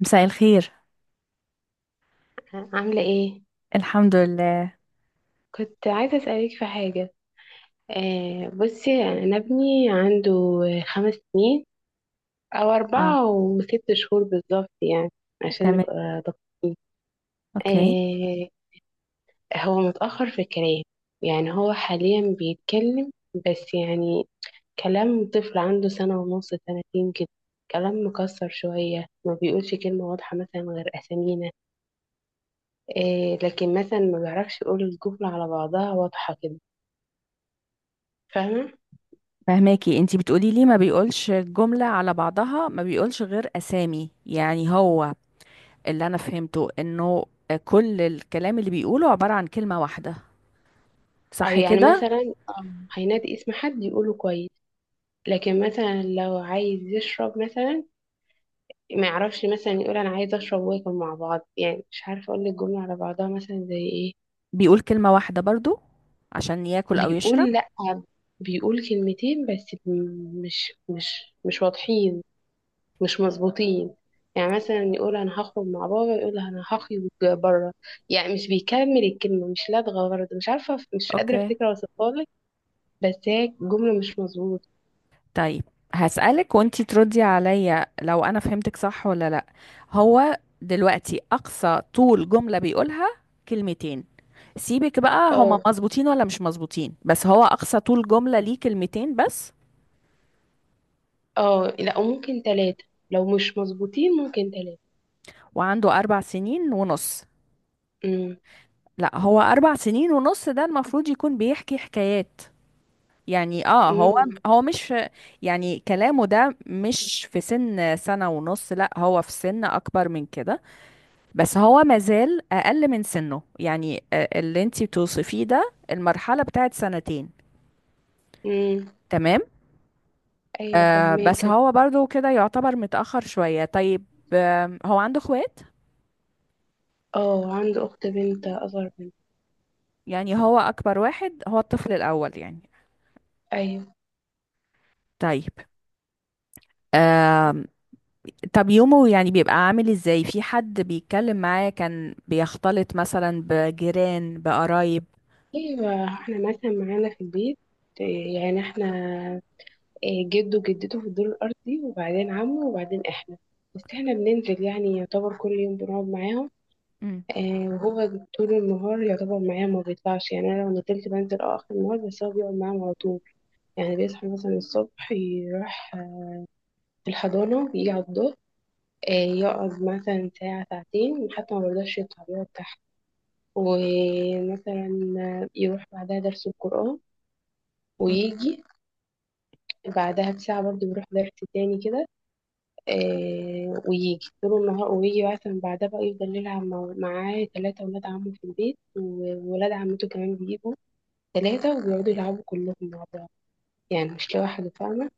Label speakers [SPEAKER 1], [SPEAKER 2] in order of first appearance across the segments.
[SPEAKER 1] مساء الخير.
[SPEAKER 2] عاملة ايه؟
[SPEAKER 1] الحمد لله.
[SPEAKER 2] كنت عايزة اسألك في حاجة. بصي يعني انا ابني عنده 5 سنين او
[SPEAKER 1] اه،
[SPEAKER 2] اربعة وست شهور بالظبط يعني عشان
[SPEAKER 1] تمام.
[SPEAKER 2] نبقى دقيقين.
[SPEAKER 1] اوكي.
[SPEAKER 2] آه هو متأخر في الكلام، يعني هو حاليا بيتكلم بس يعني كلام طفل عنده سنة ونص سنتين كده، كلام مكسر شوية ما بيقولش كلمة واضحة مثلا غير أسامينا. لكن مثلا ما بيعرفش يقول الجملة على بعضها واضحة كده. فاهمة؟
[SPEAKER 1] فهماكي انتي بتقولي لي ما بيقولش الجملة على بعضها، ما بيقولش غير اسامي، يعني هو اللي انا فهمته انه كل الكلام اللي بيقوله عبارة عن كلمة واحدة،
[SPEAKER 2] أو
[SPEAKER 1] صح
[SPEAKER 2] يعني
[SPEAKER 1] كده؟
[SPEAKER 2] مثلا. هينادي اسم حد يقوله كويس، لكن مثلا لو عايز يشرب مثلا ما يعرفش مثلا يقول انا عايز اشرب واكل مع بعض، يعني مش عارفه اقول لك جمله على بعضها مثلا زي ايه.
[SPEAKER 1] بيقول كلمة واحدة برضو عشان ياكل او يشرب؟
[SPEAKER 2] بيقول لا، بيقول كلمتين بس مش واضحين، مش مظبوطين. يعني مثلا يقول انا هخرج مع بابا، يقول انا هخرج بره. يعني مش بيكمل الكلمه، مش لدغه برضه، مش عارفه، مش قادره
[SPEAKER 1] اوكي.
[SPEAKER 2] افتكر اوصفها لك. بس هي جمله مش مظبوطه.
[SPEAKER 1] طيب، هسألك وانتي تردي عليا لو انا فهمتك صح ولا لا. هو دلوقتي اقصى طول جملة بيقولها كلمتين. سيبك بقى هما
[SPEAKER 2] اه،
[SPEAKER 1] مظبوطين ولا مش مظبوطين، بس هو اقصى طول جملة ليه كلمتين بس؟
[SPEAKER 2] اه، لا، وممكن تلاتة. لو مش مظبوطين ممكن تلاتة.
[SPEAKER 1] وعنده 4 سنين ونص؟
[SPEAKER 2] امم،
[SPEAKER 1] لا، هو 4 سنين ونص ده المفروض يكون بيحكي حكايات. يعني هو
[SPEAKER 2] امم،
[SPEAKER 1] هو مش، يعني كلامه ده مش في سن سنة ونص، لا هو في سن اكبر من كده، بس هو مازال اقل من سنه. يعني اللي انتي بتوصفيه ده المرحلة بتاعت سنتين.
[SPEAKER 2] امم.
[SPEAKER 1] تمام.
[SPEAKER 2] ايوه
[SPEAKER 1] بس
[SPEAKER 2] فهماك.
[SPEAKER 1] هو برضو كده يعتبر متأخر شوية. طيب. هو عنده اخوات؟
[SPEAKER 2] اه عنده اخت بنت اصغر منه.
[SPEAKER 1] يعني هو اكبر واحد، هو الطفل الاول يعني.
[SPEAKER 2] ايوه.
[SPEAKER 1] طيب. آه طب يومه يعني بيبقى عامل ازاي؟ في حد بيتكلم معاه؟ كان بيختلط مثلا بجيران، بقرايب؟
[SPEAKER 2] ايوه احنا مثلا معانا في البيت، إيه، يعني احنا، إيه، جده وجدته في الدور الارضي وبعدين عمه وبعدين احنا، بس احنا بننزل يعني يعتبر كل يوم بنقعد معاهم. وهو طول النهار يعتبر معايا ما بيطلعش، يعني انا لو نزلت بنزل اه اخر النهار، بس هو بيقعد معاهم على طول. يعني بيصحى مثلا الصبح يروح في الحضانة يجي على الظهر، آه، يقعد مثلا ساعة ساعتين حتى ما برضاش يطلع يقعد تحت، ومثلا يروح بعدها درس القرآن ويجي بعدها بساعة برضه بيروح درس تاني كده، ويجي طول النهار، ويجي مثلا بعدها بقى يفضل يلعب معاه تلاتة ولاد عمه في البيت، وولاد عمته كمان بيجوا تلاتة وبيقعدوا يلعبوا كلهم مع بعض، يعني مش لوحده، فاهمة.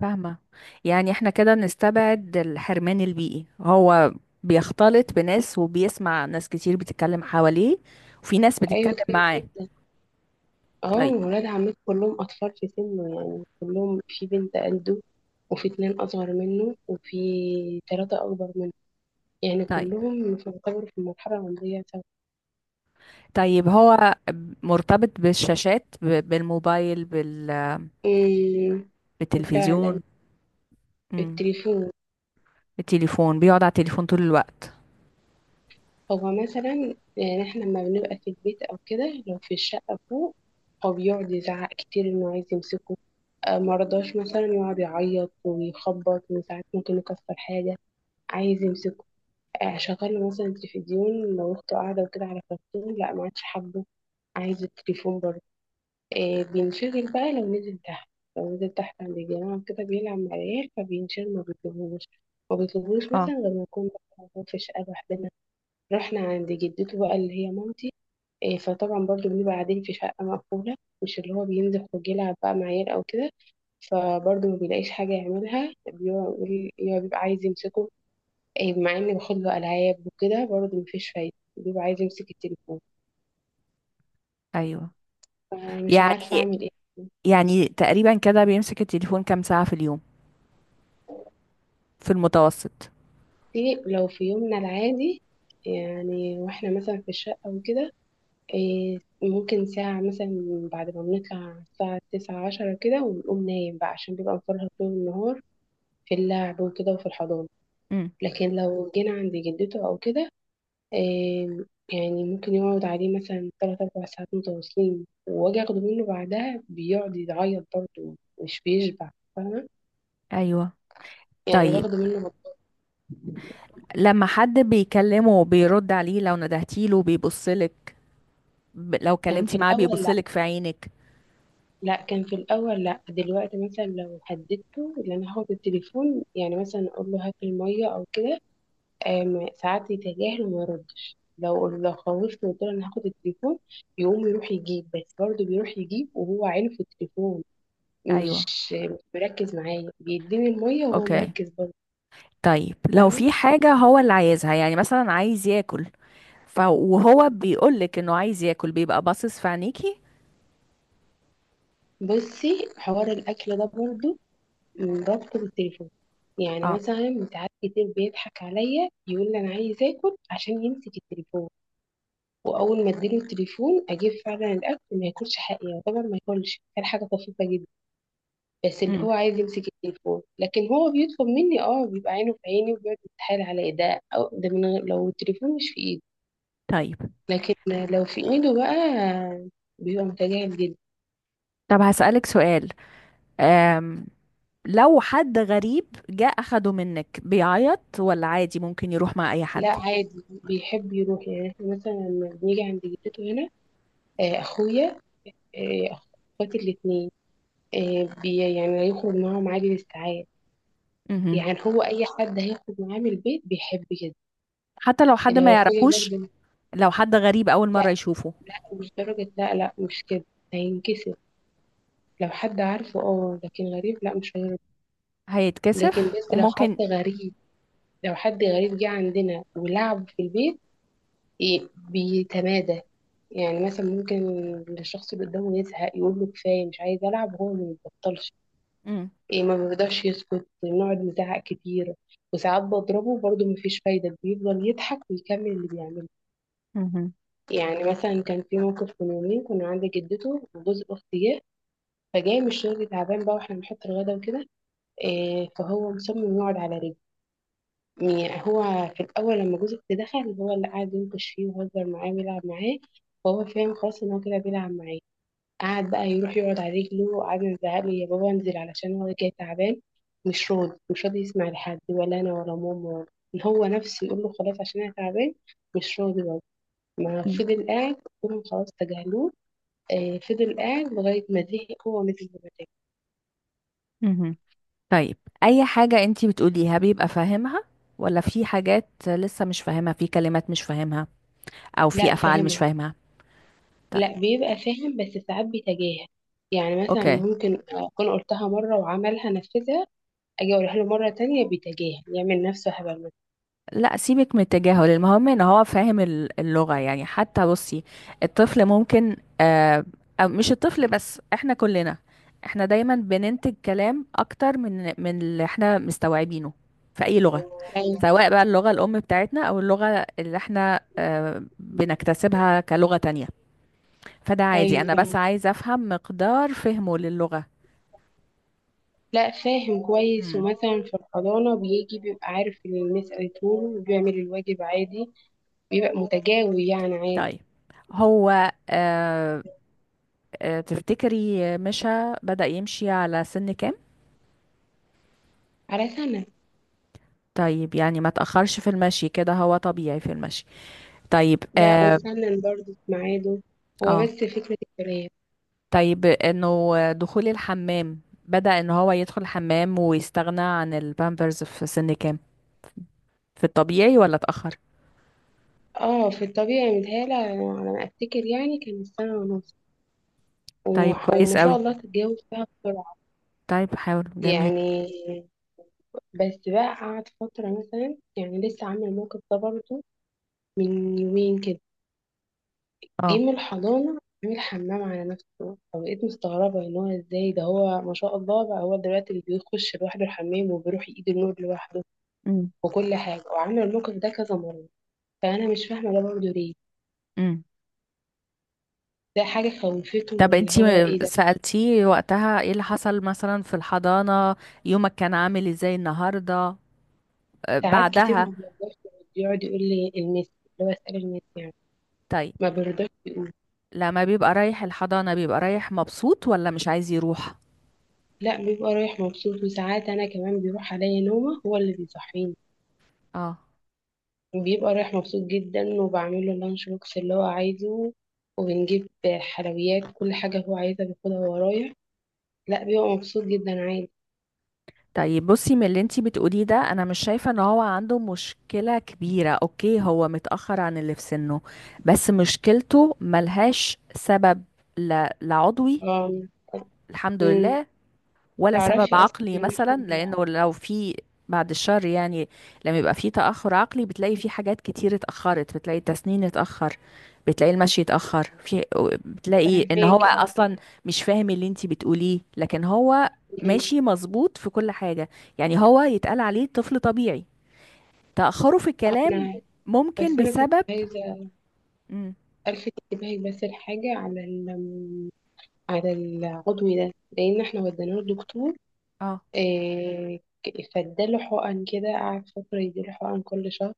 [SPEAKER 1] فاهمة. يعني احنا كده نستبعد الحرمان البيئي، هو بيختلط بناس وبيسمع ناس كتير بتتكلم حواليه، وفي ناس بتتكلم
[SPEAKER 2] أيوة كتير
[SPEAKER 1] معاه.
[SPEAKER 2] جدا. اه
[SPEAKER 1] طيب،
[SPEAKER 2] ولاد عمته كلهم أطفال في سنه، يعني كلهم في بنت قده، وفي اتنين أصغر منه، وفي تلاتة أكبر منه، يعني
[SPEAKER 1] طيب،
[SPEAKER 2] كلهم يعتبروا في المرحلة العمرية سوا.
[SPEAKER 1] طيب. هو مرتبط بالشاشات، بالموبايل،
[SPEAKER 2] أمم. فعلا.
[SPEAKER 1] بالتلفزيون؟ امم.
[SPEAKER 2] التليفون.
[SPEAKER 1] بالتليفون بيقعد على التليفون طول الوقت.
[SPEAKER 2] هو مثلا يعني احنا لما بنبقى في البيت أو كده، لو في الشقة فوق، هو بيقعد يزعق كتير إنه عايز يمسكه. مرضاش مثلا، يقعد يعيط ويخبط، وساعات ممكن يكسر حاجة، عايز يمسكه. شغاله مثلا التلفزيون لو اخته قاعده وكده على كرتون، لا ما عادش حابه، عايز التليفون برضه. بينشغل بقى لو نزل تحت، عند الجامعه وكده بيلعب مع العيال فبينشغل ما بيطلبوش. ما بيطلبوش
[SPEAKER 1] اه.
[SPEAKER 2] مثلا غير ما نكون بقى موجود في شقه لوحدنا، رحنا عند جدته بقى اللي هي مامتي، فطبعا برضه بنبقى قاعدين في شقه مقفوله، مش اللي هو بينزل خروج يلعب بقى مع عيال او كده. فبرضه ما بيلاقيش حاجه يعملها، بيقعد يقعد يبقى عايز يمسكه، مع اني باخد له العاب وكده برضه مفيش فايده، بيبقى عايز يمسك التليفون.
[SPEAKER 1] ايوه.
[SPEAKER 2] فمش عارفه
[SPEAKER 1] يعني
[SPEAKER 2] اعمل ايه.
[SPEAKER 1] يعني تقريبا كده بيمسك التليفون كام ساعة في اليوم في المتوسط؟
[SPEAKER 2] لو في يومنا العادي، يعني واحنا مثلا في الشقه وكده، إيه ممكن ساعه مثلا بعد ما بنطلع الساعه تسعة عشرة كده ونقوم نايم بقى، عشان بيبقى مفرهد طول النهار في اللعب وكده وفي الحضانه.
[SPEAKER 1] امم.
[SPEAKER 2] لكن لو جينا عند جدته او كده، آم، يعني ممكن يقعد عليه مثلا تلات أربع ساعات متواصلين، وأجي أخده منه بعدها بيقعد يعيط برضه، مش بيشبع، فاهمة.
[SPEAKER 1] ايوه.
[SPEAKER 2] يعني
[SPEAKER 1] طيب، لما حد بيكلمه بيرد عليه؟ لو ندهتيله بيبصلك؟ لو
[SPEAKER 2] كان في
[SPEAKER 1] كلمتي معاه
[SPEAKER 2] الأول لأ.
[SPEAKER 1] بيبصلك في عينك؟
[SPEAKER 2] دلوقتي مثلا لو هددته إن أنا هاخد التليفون، يعني مثلا أقول له هات المية أو كده، ساعات يتجاهل وما يردش، لو خوفته وقلت له أنا هاخد التليفون يقوم يروح يجيب، بس برضه بيروح يجيب وهو عينه في التليفون، مش
[SPEAKER 1] ايوه.
[SPEAKER 2] مش مركز معايا، بيديني المية وهو
[SPEAKER 1] اوكي.
[SPEAKER 2] مركز برضه،
[SPEAKER 1] طيب، لو
[SPEAKER 2] فاهمة.
[SPEAKER 1] في حاجة هو اللي عايزها، يعني مثلا عايز ياكل، وهو بيقولك انه عايز ياكل بيبقى باصص في عينيكي؟
[SPEAKER 2] بصي حوار الأكل ده برضه رابطه بالتليفون، يعني
[SPEAKER 1] اه.
[SPEAKER 2] مثلا ساعات كتير بيضحك عليا يقول لي أنا عايز آكل عشان يمسك التليفون، وأول ما أديله التليفون أجيب فعلا الأكل ما ياكلش، حقيقة طبعا ما ياكلش، كان حاجة طفيفة جدا، بس اللي
[SPEAKER 1] امم.
[SPEAKER 2] هو عايز يمسك التليفون، لكن هو بيطلب مني اه، بيبقى عينه في عيني وبيقعد يتحايل عليا ده أو ده من غير لو التليفون مش في إيدي.
[SPEAKER 1] طيب.
[SPEAKER 2] لكن لو في ايده بقى بيبقى متجاهل جدا.
[SPEAKER 1] طب هسألك سؤال. أم... لو حد غريب جه أخده منك بيعيط، ولا عادي ممكن يروح مع أي
[SPEAKER 2] لا
[SPEAKER 1] حد؟
[SPEAKER 2] عادي بيحب يروح، يعني احنا مثلا لما بنيجي عند جدته هنا، اخويا، اخواتي الاتنين، بي يعني يخرج معاهم عادي للساعات.
[SPEAKER 1] مهم.
[SPEAKER 2] يعني هو اي حد هيخرج معاه من البيت بيحب كده،
[SPEAKER 1] حتى لو حد
[SPEAKER 2] اللي
[SPEAKER 1] ما
[SPEAKER 2] هو اخويا
[SPEAKER 1] يعرفوش؟
[SPEAKER 2] برضه.
[SPEAKER 1] لو حد غريب أول مرة
[SPEAKER 2] لا،
[SPEAKER 1] يشوفه؟
[SPEAKER 2] لا مش درجة، لا لا مش كده، هينكسر. لو حد عارفه اه، لكن غريب لا مش هيرضى. لكن
[SPEAKER 1] هيتكسف
[SPEAKER 2] بس لو
[SPEAKER 1] وممكن.
[SPEAKER 2] حد غريب لو حد غريب جه عندنا ولعب في البيت، إيه بيتمادى، يعني مثلا ممكن الشخص اللي قدامه يزهق يقول له كفايه مش عايز العب، وهو ما بيبطلش.
[SPEAKER 1] مم.
[SPEAKER 2] إيه ما بيقدرش يسكت، بنقعد نزعق كتير، وساعات بضربه برضه مفيش فايده، بيفضل يضحك ويكمل اللي بيعمله.
[SPEAKER 1] مهم.
[SPEAKER 2] يعني مثلا كان في موقف من يومين، كنا عند جدته وجوز اختي جه، فجاي من الشغل تعبان بقى، واحنا بنحط الغدا وكده، إيه فهو مصمم يقعد على رجله. يعني هو في الأول لما جوزك دخل، هو اللي قعد ينكش فيه ويهزر معاه ويلعب معاه، فهو فاهم خلاص إن هو كده بيلعب معاه. قعد بقى يروح يقعد على رجله، وقعد نزعق له يا بابا انزل علشان هو جاي تعبان. مش راضي، مش راضي يسمع لحد، ولا أنا ولا ماما، ولا إن هو نفسه يقول له خلاص عشان أنا تعبان، مش راضي برضه، ما
[SPEAKER 1] مم.
[SPEAKER 2] فضل قاعد، كلهم خلاص تجاهلوه، فضل قاعد لغاية ما زهق هو مثل ما زهق.
[SPEAKER 1] مهم. طيب. اي حاجة انتي بتقوليها بيبقى فاهمها، ولا في حاجات لسه مش فاهمها؟ في كلمات مش فاهمها او في
[SPEAKER 2] لا
[SPEAKER 1] افعال
[SPEAKER 2] فاهم.
[SPEAKER 1] مش فاهمها؟ طيب.
[SPEAKER 2] لا بيبقى فاهم بس ساعات بيتجاهل، يعني مثلا
[SPEAKER 1] اوكي.
[SPEAKER 2] ممكن اكون قلتها مره وعملها نفذها، اجي اقولها له مره تانية بيتجاهل، يعمل نفسه هبل مثلا.
[SPEAKER 1] لا، سيبك من التجاهل، المهم ان هو فاهم اللغة. يعني حتى بصي، الطفل ممكن أو مش الطفل بس، احنا كلنا، احنا دايما بننتج كلام اكتر من اللي احنا مستوعبينه في اي لغة.
[SPEAKER 2] ايوه.
[SPEAKER 1] سواء بقى اللغة الام بتاعتنا او اللغة اللي احنا بنكتسبها كلغة تانية. فده عادي،
[SPEAKER 2] ايوه
[SPEAKER 1] انا
[SPEAKER 2] فاهم.
[SPEAKER 1] بس عايزة افهم مقدار فهمه للغة.
[SPEAKER 2] لا فاهم كويس،
[SPEAKER 1] امم.
[SPEAKER 2] ومثلا في الحضانه بيجي بيبقى عارف اللي المس قالته له، وبيعمل الواجب عادي، بيبقى متجاوب يعني عادي.
[SPEAKER 1] طيب، هو تفتكري مشى، بدأ يمشي على سن كام؟
[SPEAKER 2] على سنه.
[SPEAKER 1] طيب، يعني ما تأخرش في المشي، كده هو طبيعي في المشي. طيب.
[SPEAKER 2] لا
[SPEAKER 1] اه.
[SPEAKER 2] وسنن برضه في ميعاده، هو بس
[SPEAKER 1] آه.
[SPEAKER 2] فكره الكلام.
[SPEAKER 1] طيب، انه دخول الحمام، بدأ ان هو يدخل الحمام ويستغنى عن البامبرز في سن كام؟ في الطبيعي ولا اتأخر؟
[SPEAKER 2] اه في الطبيعي، متهيألي على ما افتكر يعني كان سنه ونص،
[SPEAKER 1] طيب. كويس
[SPEAKER 2] وما شاء
[SPEAKER 1] قوي.
[SPEAKER 2] الله تتجاوب فيها بسرعه.
[SPEAKER 1] طيب، حاول جميل.
[SPEAKER 2] يعني بس بقى قعد فترة، مثلا يعني لسه عامل الموقف ده برضه من يومين كده، جه
[SPEAKER 1] اه.
[SPEAKER 2] من الحضانة عامل حمام على نفسه، فبقيت مستغربة ان هو ازاي ده، هو ما شاء الله بقى هو دلوقتي اللي بيخش لوحده الحمام، وبيروح ايده النور لوحده
[SPEAKER 1] امم.
[SPEAKER 2] وكل حاجة، وعامل الموقف ده كذا مرة، فأنا مش فاهمة ده برضه ليه،
[SPEAKER 1] امم.
[SPEAKER 2] ده حاجة خوفته
[SPEAKER 1] طب
[SPEAKER 2] ولا هو
[SPEAKER 1] انتي
[SPEAKER 2] ايه ده.
[SPEAKER 1] سألتيه وقتها ايه اللي حصل؟ مثلا في الحضانة يومك كان عامل ازاي النهاردة،
[SPEAKER 2] ساعات كتير
[SPEAKER 1] بعدها؟
[SPEAKER 2] ما بيرضاش، يقعد يقول لي المس، اللي هو اسأل المس يعني،
[SPEAKER 1] طيب،
[SPEAKER 2] ما بيرضاش يقول.
[SPEAKER 1] لما بيبقى رايح الحضانة بيبقى رايح مبسوط ولا مش عايز يروح؟
[SPEAKER 2] لا بيبقى رايح مبسوط، وساعات انا كمان بيروح عليا نومه هو اللي بيصحيني،
[SPEAKER 1] اه.
[SPEAKER 2] وبيبقى رايح مبسوط جدا، وبعمل له اللانش بوكس اللي هو عايزه، وبنجيب حلويات كل حاجه هو عايزها بياخدها وهو رايح، لا بيبقى مبسوط جدا عادي.
[SPEAKER 1] طيب، بصي، من اللي انتي بتقوليه ده انا مش شايفة ان هو عنده مشكلة كبيرة. اوكي هو متأخر عن اللي في سنه، بس مشكلته ملهاش سبب، لا، لا عضوي،
[SPEAKER 2] آم.
[SPEAKER 1] الحمد
[SPEAKER 2] مم.
[SPEAKER 1] لله، ولا سبب
[SPEAKER 2] تعرفي اصلا
[SPEAKER 1] عقلي
[SPEAKER 2] ان
[SPEAKER 1] مثلا،
[SPEAKER 2] احنا،
[SPEAKER 1] لانه لو في، بعد الشر يعني، لما يبقى في تأخر عقلي بتلاقي في حاجات كتير اتأخرت، بتلاقي التسنين اتأخر، بتلاقي المشي اتأخر في، بتلاقي ان هو
[SPEAKER 2] فاهماكي اه.
[SPEAKER 1] اصلا مش فاهم اللي انتي بتقوليه، لكن هو
[SPEAKER 2] مم.
[SPEAKER 1] ماشي مظبوط في كل حاجة. يعني هو يتقال عليه طفل طبيعي. تأخره في الكلام
[SPEAKER 2] انا
[SPEAKER 1] ممكن
[SPEAKER 2] بس انا كنت
[SPEAKER 1] بسبب.
[SPEAKER 2] عايزه
[SPEAKER 1] مم.
[SPEAKER 2] الفت انتباهك بس لحاجه على العضوي ده، لان احنا وديناه للدكتور،
[SPEAKER 1] اه،
[SPEAKER 2] إيه فاداله حقن كده، قعد فترة يديله حقن كل شهر،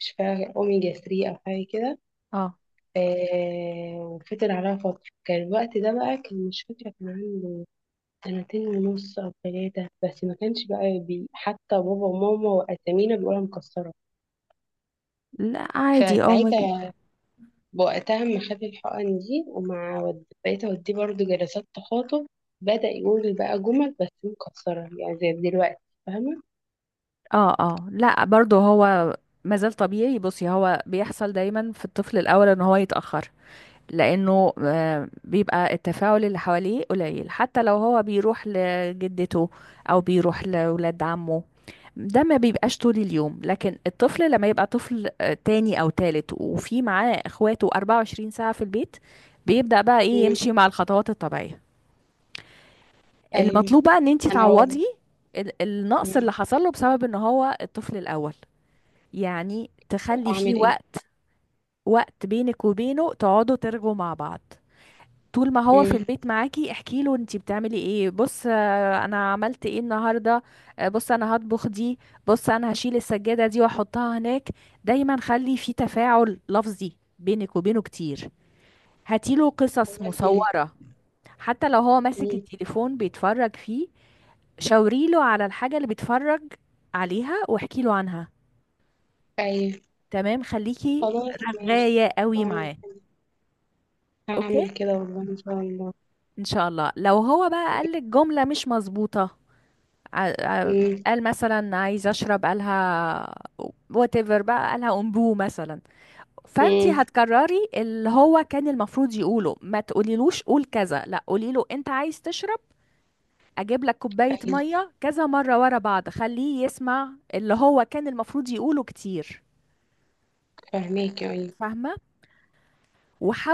[SPEAKER 2] مش فاكرة أوميجا 3 أو حاجة كده،
[SPEAKER 1] اه،
[SPEAKER 2] إيه وفضل عليها فترة، كان الوقت ده بقى، كان مش فاكرة، كان عنده سنتين ونص أو ثلاثة، بس ما كانش بقى بي، حتى بابا وماما وأسامينا بيقولها مكسرة،
[SPEAKER 1] لا عادي. اه،
[SPEAKER 2] فساعتها وقتها ما خد الحقن دي، بقيت أوديه برضه جلسات تخاطب، بدأ يقول بقى جمل بس مكسرة يعني زي دلوقتي، فاهمة؟
[SPEAKER 1] اه، اه، لا برضه هو مازال طبيعي. بصي، هو بيحصل دايما في الطفل الاول ان هو يتاخر، لانه بيبقى التفاعل اللي حواليه قليل، حتى لو هو بيروح لجدته او بيروح لولاد عمه ده ما بيبقاش طول اليوم. لكن الطفل لما يبقى طفل تاني او تالت وفي معاه اخواته 24 ساعة في البيت، بيبدأ بقى ايه،
[SPEAKER 2] مم.
[SPEAKER 1] يمشي مع الخطوات الطبيعية.
[SPEAKER 2] أيوه.
[SPEAKER 1] المطلوب بقى ان انت
[SPEAKER 2] أنا والله.
[SPEAKER 1] تعوضي النقص اللي حصل له بسبب ان هو الطفل الاول. يعني تخلي فيه
[SPEAKER 2] أعمل إيه؟
[SPEAKER 1] وقت، وقت بينك وبينه تقعدوا ترجوا مع بعض. طول ما هو في
[SPEAKER 2] مم.
[SPEAKER 1] البيت معاكي احكي له انتي بتعملي ايه. بص، انا عملت ايه النهارده. بص انا هطبخ دي. بص انا هشيل السجاده دي واحطها هناك. دايما خلي في تفاعل لفظي بينك وبينه كتير. هاتيله قصص
[SPEAKER 2] خلاص ماشي.
[SPEAKER 1] مصوره. حتى لو هو ماسك
[SPEAKER 2] مم.
[SPEAKER 1] التليفون بيتفرج فيه، شاوريله على الحاجه اللي بيتفرج عليها واحكي له عنها.
[SPEAKER 2] أيوة.
[SPEAKER 1] تمام، خليكي
[SPEAKER 2] خلاص ماشي.
[SPEAKER 1] رغاية قوي
[SPEAKER 2] أعمل
[SPEAKER 1] معاه. اوكي.
[SPEAKER 2] هعمل كده والله إن شاء الله.
[SPEAKER 1] ان شاء الله. لو هو بقى قال لك جملة مش مظبوطة، ع- ع-
[SPEAKER 2] مم.
[SPEAKER 1] قال مثلا عايز اشرب قالها، whatever بقى قالها امبو مثلا، فانتي
[SPEAKER 2] مم.
[SPEAKER 1] هتكرري اللي هو كان المفروض يقوله، ما تقوليلوش قول كذا، لا قولي له انت عايز تشرب، اجيب لك كوباية
[SPEAKER 2] أيوة
[SPEAKER 1] مية، كذا مرة ورا بعض، خليه يسمع اللي هو كان المفروض يقوله كتير.
[SPEAKER 2] فاهماك. أيوة.
[SPEAKER 1] فاهمة؟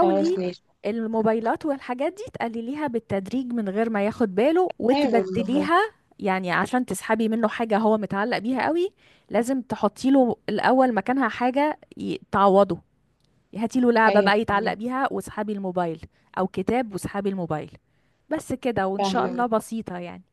[SPEAKER 2] خلاص ماشي.
[SPEAKER 1] الموبايلات والحاجات دي تقلليها بالتدريج من غير ما ياخد باله
[SPEAKER 2] أيوة والله.
[SPEAKER 1] وتبدليها. يعني عشان تسحبي منه حاجة هو متعلق بيها قوي، لازم تحطي له الأول مكانها حاجة تعوضه. هاتي له لعبة
[SPEAKER 2] أيوة
[SPEAKER 1] بقى يتعلق
[SPEAKER 2] فاهماك.
[SPEAKER 1] بيها واسحبي الموبايل، أو كتاب واسحبي الموبايل. بس كده، وإن شاء الله
[SPEAKER 2] فاهمة.
[SPEAKER 1] بسيطة يعني.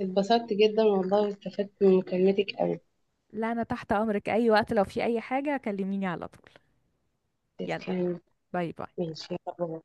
[SPEAKER 2] اتبسطت جدا والله واستفدت من مكالمتك أوي.
[SPEAKER 1] لا، أنا تحت أمرك أي وقت لو في أي حاجة كلميني على طول. يلا،
[SPEAKER 2] تسلمي.
[SPEAKER 1] باي باي.
[SPEAKER 2] ماشي يلا باي.